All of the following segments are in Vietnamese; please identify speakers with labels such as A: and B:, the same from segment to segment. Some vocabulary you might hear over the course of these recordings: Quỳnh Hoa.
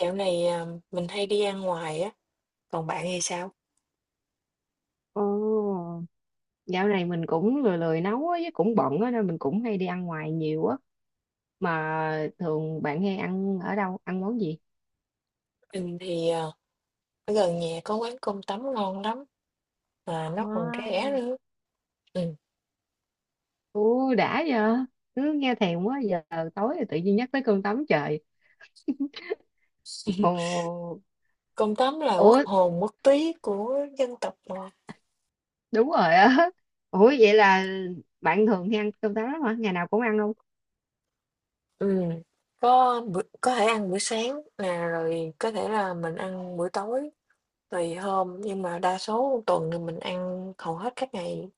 A: Dạo này, mình hay đi ăn ngoài á, còn bạn thì sao?
B: Ồ, dạo này mình cũng lười lười nấu á, với cũng bận á nên mình cũng hay đi ăn ngoài nhiều á. Mà thường bạn hay ăn ở đâu, ăn món gì?
A: Mình thì, ở gần nhà có quán cơm tấm ngon lắm, mà nó còn rẻ
B: Wow.
A: nữa. Ừm,
B: Ồ, đã giờ, cứ nghe thèm quá giờ tối rồi tự nhiên nhắc tới cơm tấm trời. Ồ,
A: cơm tấm là quốc
B: ủa,
A: hồn quốc túy của dân tộc mà.
B: đúng rồi á. Ủa vậy là bạn thường hay ăn cơm tấm lắm hả? Ngày nào cũng ăn luôn.
A: Ừm, có bữa có thể ăn buổi sáng nè, rồi có thể là mình ăn buổi tối, tùy hôm, nhưng mà đa số tuần thì mình ăn hầu hết các ngày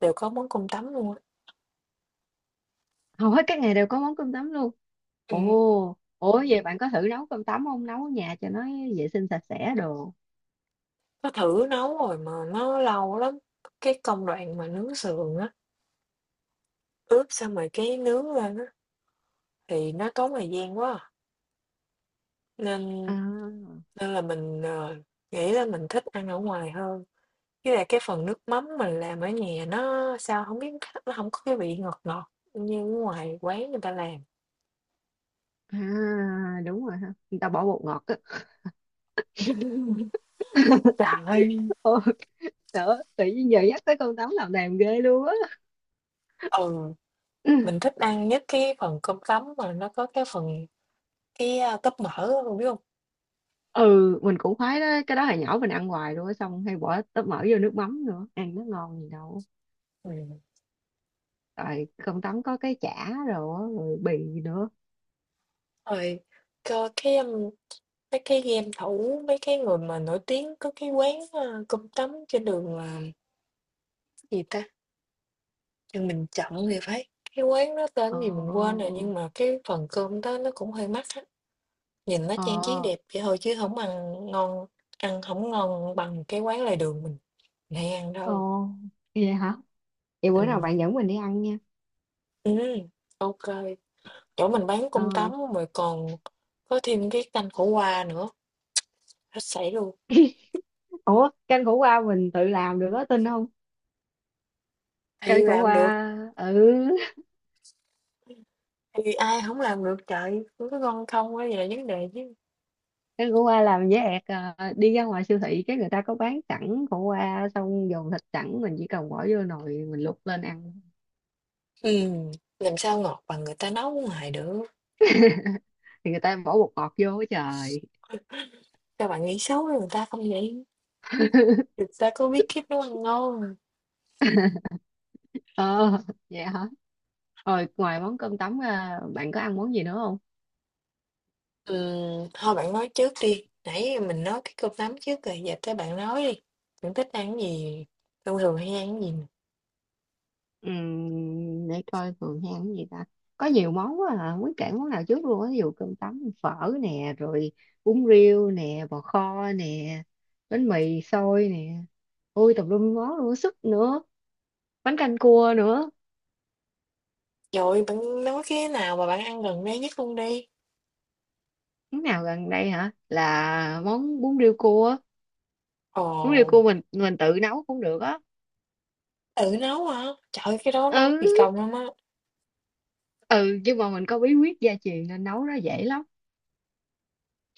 A: đều có món cơm tấm luôn á.
B: Hầu hết các ngày đều có món cơm tấm luôn.
A: Ừm,
B: Ồ, ủa vậy bạn có thử nấu cơm tấm không? Nấu ở nhà cho nó vệ sinh sạch sẽ đồ.
A: nó thử nấu rồi mà nó lâu lắm, cái công đoạn mà nướng sườn á, ướp xong rồi cái nướng lên á. Thì nó tốn thời gian quá à, nên
B: À.
A: nên là mình, nghĩ là mình thích ăn ở ngoài hơn. Với lại cái phần nước mắm mình làm ở nhà nó sao không biết nó không có cái vị ngọt ngọt như ở ngoài quán người ta làm.
B: À, đúng rồi ha. Người ta bỏ bột ngọt á.
A: Trời ơi,
B: Ôi, đỡ, tự nhiên giờ nhắc tới con tấm làm đàm ghê luôn á.
A: ừ, mình thích ăn nhất cái phần cơm tấm mà nó có cái phần tóp mỡ á, bạn biết không.
B: Ừ, mình cũng khoái đó. Cái đó hồi nhỏ mình ăn hoài luôn á. Xong hay bỏ tóp mỡ vô nước mắm nữa. Ăn nó ngon gì đâu.
A: Ừm.
B: Rồi con tấm có cái chả rồi, á, rồi bì nữa.
A: Rồi cho mấy cái game thủ, mấy cái người mà nổi tiếng có cái quán, cơm tấm trên đường, là gì ta? Nhưng mình chọn thì phải. Cái quán đó
B: Ờ,
A: tên gì mình quên rồi, nhưng mà cái phần cơm đó nó cũng hơi mắc á. Nhìn nó trang trí
B: ờ,
A: đẹp vậy thôi chứ không ăn ngon, ăn không ngon bằng cái quán lề đường mình hay ăn
B: ờ.
A: đâu.
B: Vậy hả? Vậy bữa nào
A: Ừ,
B: bạn dẫn mình đi ăn nha.
A: ừm, ô, chỗ mình bán
B: Ờ.
A: cơm tấm rồi còn có thêm cái canh khổ qua nữa, hết sảy luôn.
B: Ủa, canh khổ qua mình tự làm được á, tin không? Cây
A: Thì
B: khổ
A: làm được,
B: qua. Ừ,
A: thì ai không làm được trời, nó ngon không mới là vấn đề chứ.
B: cái của qua làm với ẹt à, đi ra ngoài siêu thị cái người ta có bán sẵn khổ qua xong dồn thịt sẵn mình chỉ cần bỏ vô nồi mình luộc lên ăn.
A: Ừm, làm sao ngọt bằng người ta nấu ngoài được.
B: Thì người ta bỏ bột ngọt vô á trời.
A: Các bạn nghĩ xấu với người ta không vậy? Thực ra có bí kíp nấu ăn ngon.
B: Ờ, vậy hả? Rồi ngoài món cơm tấm ra, bạn có ăn món gì nữa không?
A: Thôi bạn nói trước đi. Nãy mình nói cái cơm tấm trước rồi, giờ tới bạn nói đi. Bạn thích ăn cái gì? Thông thường hay ăn cái gì?
B: Để coi thường hay ăn cái gì ta. Có nhiều món quá à. Không biết kể món nào trước luôn á, ví dụ cơm tấm, phở nè, rồi bún riêu nè, bò kho nè, bánh mì xôi nè, ôi tùm lum món luôn sức nữa, bánh canh cua nữa.
A: Rồi bạn nói cái nào mà bạn ăn gần đây nhất luôn đi.
B: Món nào gần đây hả, là món bún riêu cua á.
A: Ồ,
B: Bún riêu cua mình tự nấu cũng được á.
A: tự nấu hả? Trời ơi, cái đó nấu kỳ
B: ừ
A: công lắm á.
B: ừ nhưng mà mình có bí quyết gia truyền nên nấu nó dễ lắm.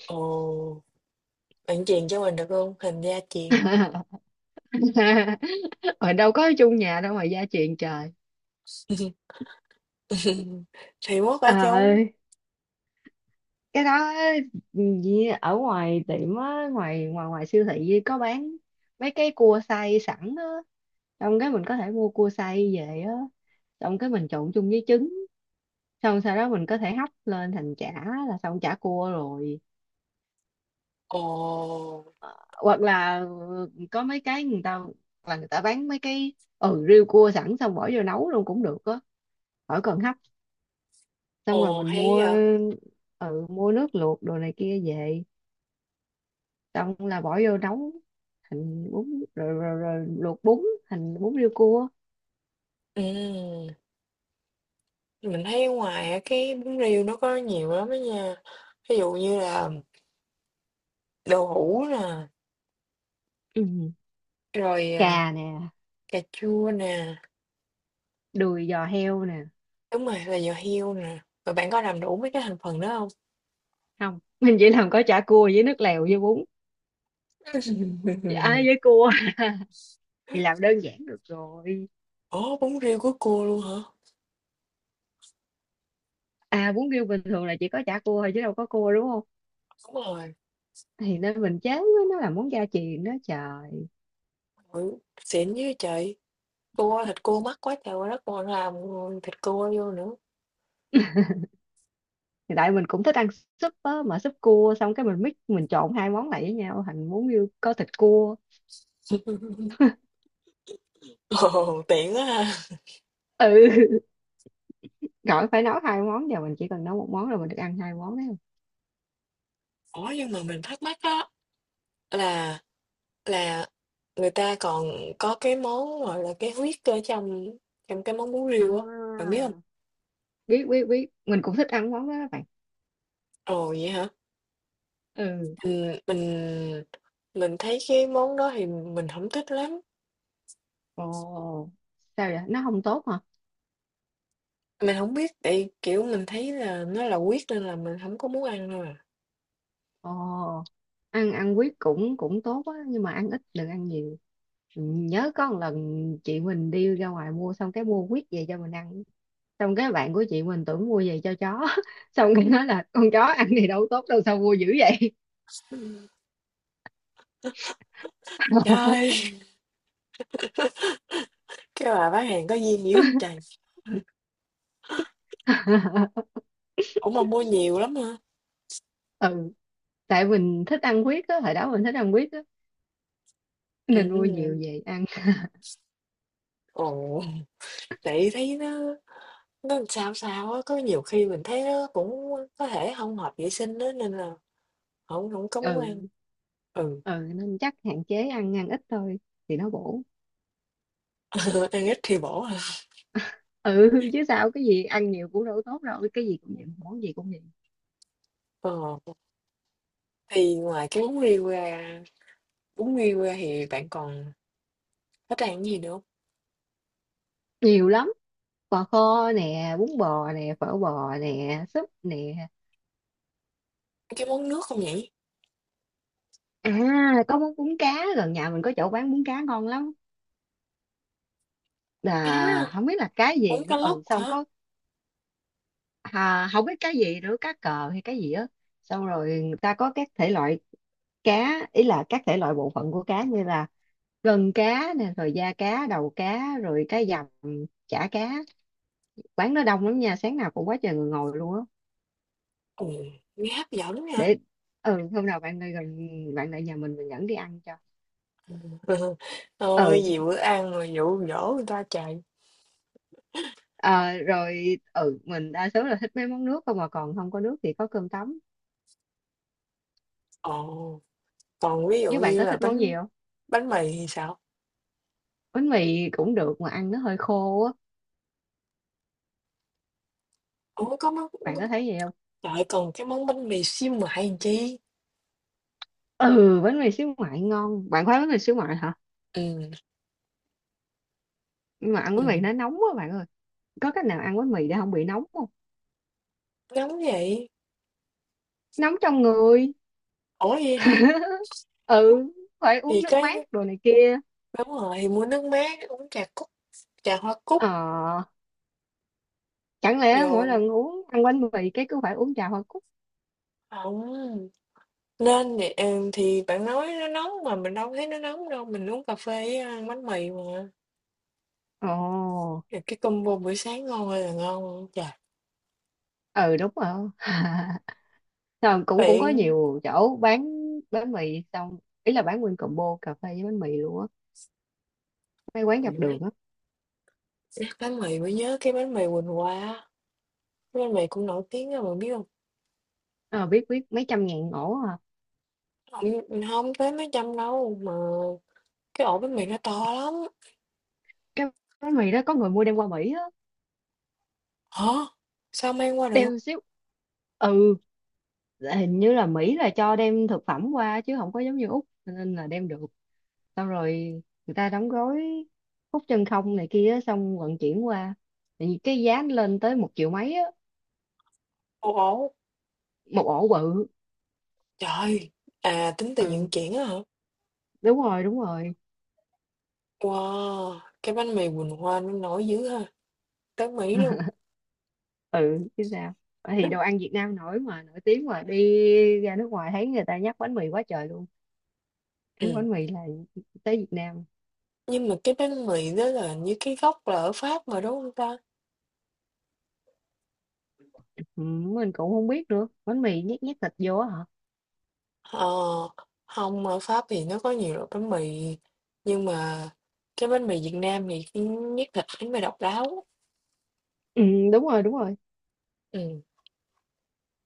A: Ồ, bạn truyền cho mình được không? Hình gia truyền.
B: Mà đâu có ở chung nhà đâu mà gia truyền trời.
A: Thì mốt ở
B: Ờ,
A: chung.
B: cái đó á, gì ở ngoài tiệm á, ngoài ngoài ngoài siêu thị có bán mấy cái cua xay sẵn á, xong cái mình có thể mua cua xay về á, xong cái mình trộn chung với trứng, xong sau đó mình có thể hấp lên thành chả, là xong chả cua rồi.
A: Ồ,
B: Hoặc là, ừ, có mấy cái người ta, là người ta bán mấy cái, ừ, riêu cua sẵn xong bỏ vô nấu luôn cũng được á, khỏi cần hấp. Xong rồi
A: ồ
B: mình
A: hay
B: mua,
A: vậy.
B: ừ, mua nước luộc đồ này kia về, xong là bỏ vô nấu thành bún, rồi luộc bún thành bún riêu cua.
A: Ừ. Mình thấy ở ngoài á, cái bún riêu nó có nhiều lắm đó nha. Ví dụ như là đậu hũ nè,
B: Ừ.
A: rồi,
B: Cà nè,
A: cà chua nè,
B: đùi giò heo nè.
A: đúng rồi, là giò heo nè. Rồi bạn có làm đủ mấy cái thành phần đó không?
B: Không, mình chỉ làm có chả cua với nước lèo với bún, à, với cua, thì làm đơn giản được rồi.
A: Ủa, bún riêu của cua luôn hả?
B: À, bún riêu bình thường là chỉ có chả cua thôi chứ đâu có cua đúng không?
A: Đúng rồi,
B: Thì nên mình chán với nó là món gia truyền đó trời.
A: ừ, xịn dữ vậy. Cua, thịt cua mắc quá trời quá đất còn làm thịt cua vô nữa.
B: Thì tại mình cũng thích ăn súp á, mà súp cua, xong cái mình mix, mình trộn hai món lại với nhau thành món như có thịt cua.
A: Ồ, tiện quá ha.
B: Ừ, gọi phải nấu hai món, giờ mình chỉ cần nấu một món là mình được ăn hai món, đấy không.
A: Ủa, nhưng mà mình thắc mắc á là, Là người ta còn có cái món, gọi là, cái huyết ở trong trong cái món bún riêu á, bạn
B: À.
A: biết hông?
B: Biết, biết, biết, mình cũng thích ăn món đó các bạn.
A: Ồ, vậy hả?
B: Ừ.
A: Ừm, mình thấy cái món đó thì mình hổng thích lắm,
B: Ồ, sao vậy, nó không tốt hả?
A: mình hổng biết tại, kiểu, mình thấy là nó là huyết nên là mình hổng có muốn ăn thôi à.
B: Ồ, ăn ăn quýt cũng cũng tốt á nhưng mà ăn ít đừng ăn nhiều. Ừ, nhớ có một lần chị mình đi ra ngoài mua, xong cái mua quýt về cho mình ăn, xong cái bạn của chị mình tưởng mua về cho chó. Xong cái nói là con chó ăn thì đâu tốt đâu, sao mua dữ vậy?
A: Ừm. Trời ơi, cái bà bán hàng có duyên dữ vậy trời, ủa mà mua nhiều lắm hả?
B: Ừ, tại mình thích ăn huyết á, hồi đó mình thích ăn huyết á nên mua
A: Ừm,
B: nhiều về ăn.
A: ồ, tại thấy nó làm sao sao á, có nhiều khi mình thấy nó cũng có thể hông hợp vệ sinh á nên là Hổng hổng có muốn ăn.
B: Ừ.
A: Ừ,
B: Ừ, nên chắc hạn chế ăn ăn ít thôi thì nó bổ.
A: ăn ít thì bổ hả?
B: Ừ chứ sao, cái gì ăn nhiều cũng đâu tốt đâu, cái gì cũng vậy, món gì cũng vậy.
A: Ờ, thì ngoài cái bún riêu ra thì bạn còn thích ăn cái gì nữa hông?
B: Nhiều lắm, bò kho nè, bún bò nè, phở bò nè, súp nè.
A: Cái món nước không nhỉ?
B: À, có món bún cá, gần nhà mình có chỗ bán bún cá ngon lắm,
A: Cá hả?
B: là không biết là cái gì
A: Bún
B: nữa,
A: cá lóc
B: ừ, xong
A: hả?
B: có, à, không biết cái gì nữa, cá cờ hay cái gì á. Xong rồi người ta có các thể loại cá, ý là các thể loại bộ phận của cá, như là gân cá nè, rồi da cá, đầu cá, rồi cái dầm, chả cá. Quán nó đông lắm nha, sáng nào cũng quá trời người ngồi luôn á.
A: Ừ, nghe hấp dẫn nha.
B: Để, ừ, hôm nào bạn lại gần, bạn lại nhà mình dẫn đi ăn cho. Ừ.
A: Thôi, gì bữa ăn mà dụ dỗ người ta chạy.
B: À, rồi, ừ, mình đa số là thích mấy món nước không, mà còn không có nước thì có cơm tấm.
A: Ồ, còn ví dụ
B: Nếu bạn
A: như
B: có
A: là
B: thích món gì
A: bánh
B: không?
A: bánh mì thì sao?
B: Bánh mì cũng được mà ăn nó hơi khô á,
A: Ủa, có món
B: bạn có thấy vậy không?
A: trời còn cái món bánh mì xíu mại làm chi?
B: Ừ, bánh mì xíu ngoại ngon, bạn khoái bánh mì xíu ngoại hả?
A: Ừ,
B: Nhưng mà ăn bánh mì
A: ừm,
B: nó nóng quá bạn ơi. Có cách nào ăn bánh mì để không bị nóng không?
A: nóng vậy.
B: Nóng trong người.
A: Ủa vậy hả? Ủa,
B: Ừ, phải uống
A: thì
B: nước
A: cái,
B: mát đồ này kia.
A: đúng rồi, mua nước mát, uống trà cúc, trà hoa cúc,
B: Ờ, chẳng lẽ mỗi
A: rồi
B: lần uống, ăn bánh mì cái cứ phải uống trà hoa cúc.
A: không nên thì, thì bạn nói nó nóng mà mình đâu thấy nó nóng đâu, mình uống cà phê với ăn bánh mì mà,
B: Ồ.
A: rồi cái combo buổi sáng ngon ơi là ngon luôn. Trời,
B: Ừ, đúng rồi. Ờ, cũng cũng có
A: bạn
B: nhiều chỗ bán bánh mì, xong ý là bán nguyên combo cà phê với bánh mì luôn á, mấy quán
A: ừ,
B: dọc đường
A: nhắc
B: á.
A: nhắc bánh mì mới nhớ cái bánh mì Quỳnh Hoa á, cái bánh mì cũng nổi tiếng á, bạn biết không.
B: Ờ, biết, biết, mấy trăm ngàn ổ à.
A: Không, hông tới mấy trăm đâu, mà cái ổ bánh mì nó to lắm.
B: Cái bánh mì đó có người mua đem qua Mỹ á.
A: Hả? Sao mang qua được?
B: Đem xíu. Ừ, là hình như là Mỹ là cho đem thực phẩm qua chứ không có giống như Úc, cho nên là đem được. Xong rồi người ta đóng gói, hút chân không này kia á, xong vận chuyển qua. Thì cái giá nó lên tới 1 triệu mấy á.
A: Một ổ?
B: Một ổ bự.
A: Trời! À, tính tiền vận
B: Ừ,
A: chuyển á hả?
B: đúng rồi, đúng rồi.
A: Wow, cái bánh mì Quỳnh Hoa nó nổi dữ ha, tới Mỹ luôn.
B: Ừ chứ sao, thì đồ ăn Việt Nam nổi mà, nổi tiếng mà, đi ra nước ngoài thấy người ta nhắc bánh mì quá trời luôn. Cái
A: Ừm,
B: bánh mì là tới Việt Nam.
A: nhưng mà cái bánh mì đó là như cái gốc là ở Pháp mà đúng không ta?
B: Ừ, mình cũng không biết nữa, bánh mì nhét nhét thịt vô á hả.
A: Ờ, hông, ở Pháp thì nó có nhiều loại bánh mì, nhưng mà cái bánh mì Việt Nam thì, ưm, nhất là bánh mì độc đáo.
B: Ừ, đúng rồi, đúng rồi.
A: Ừm.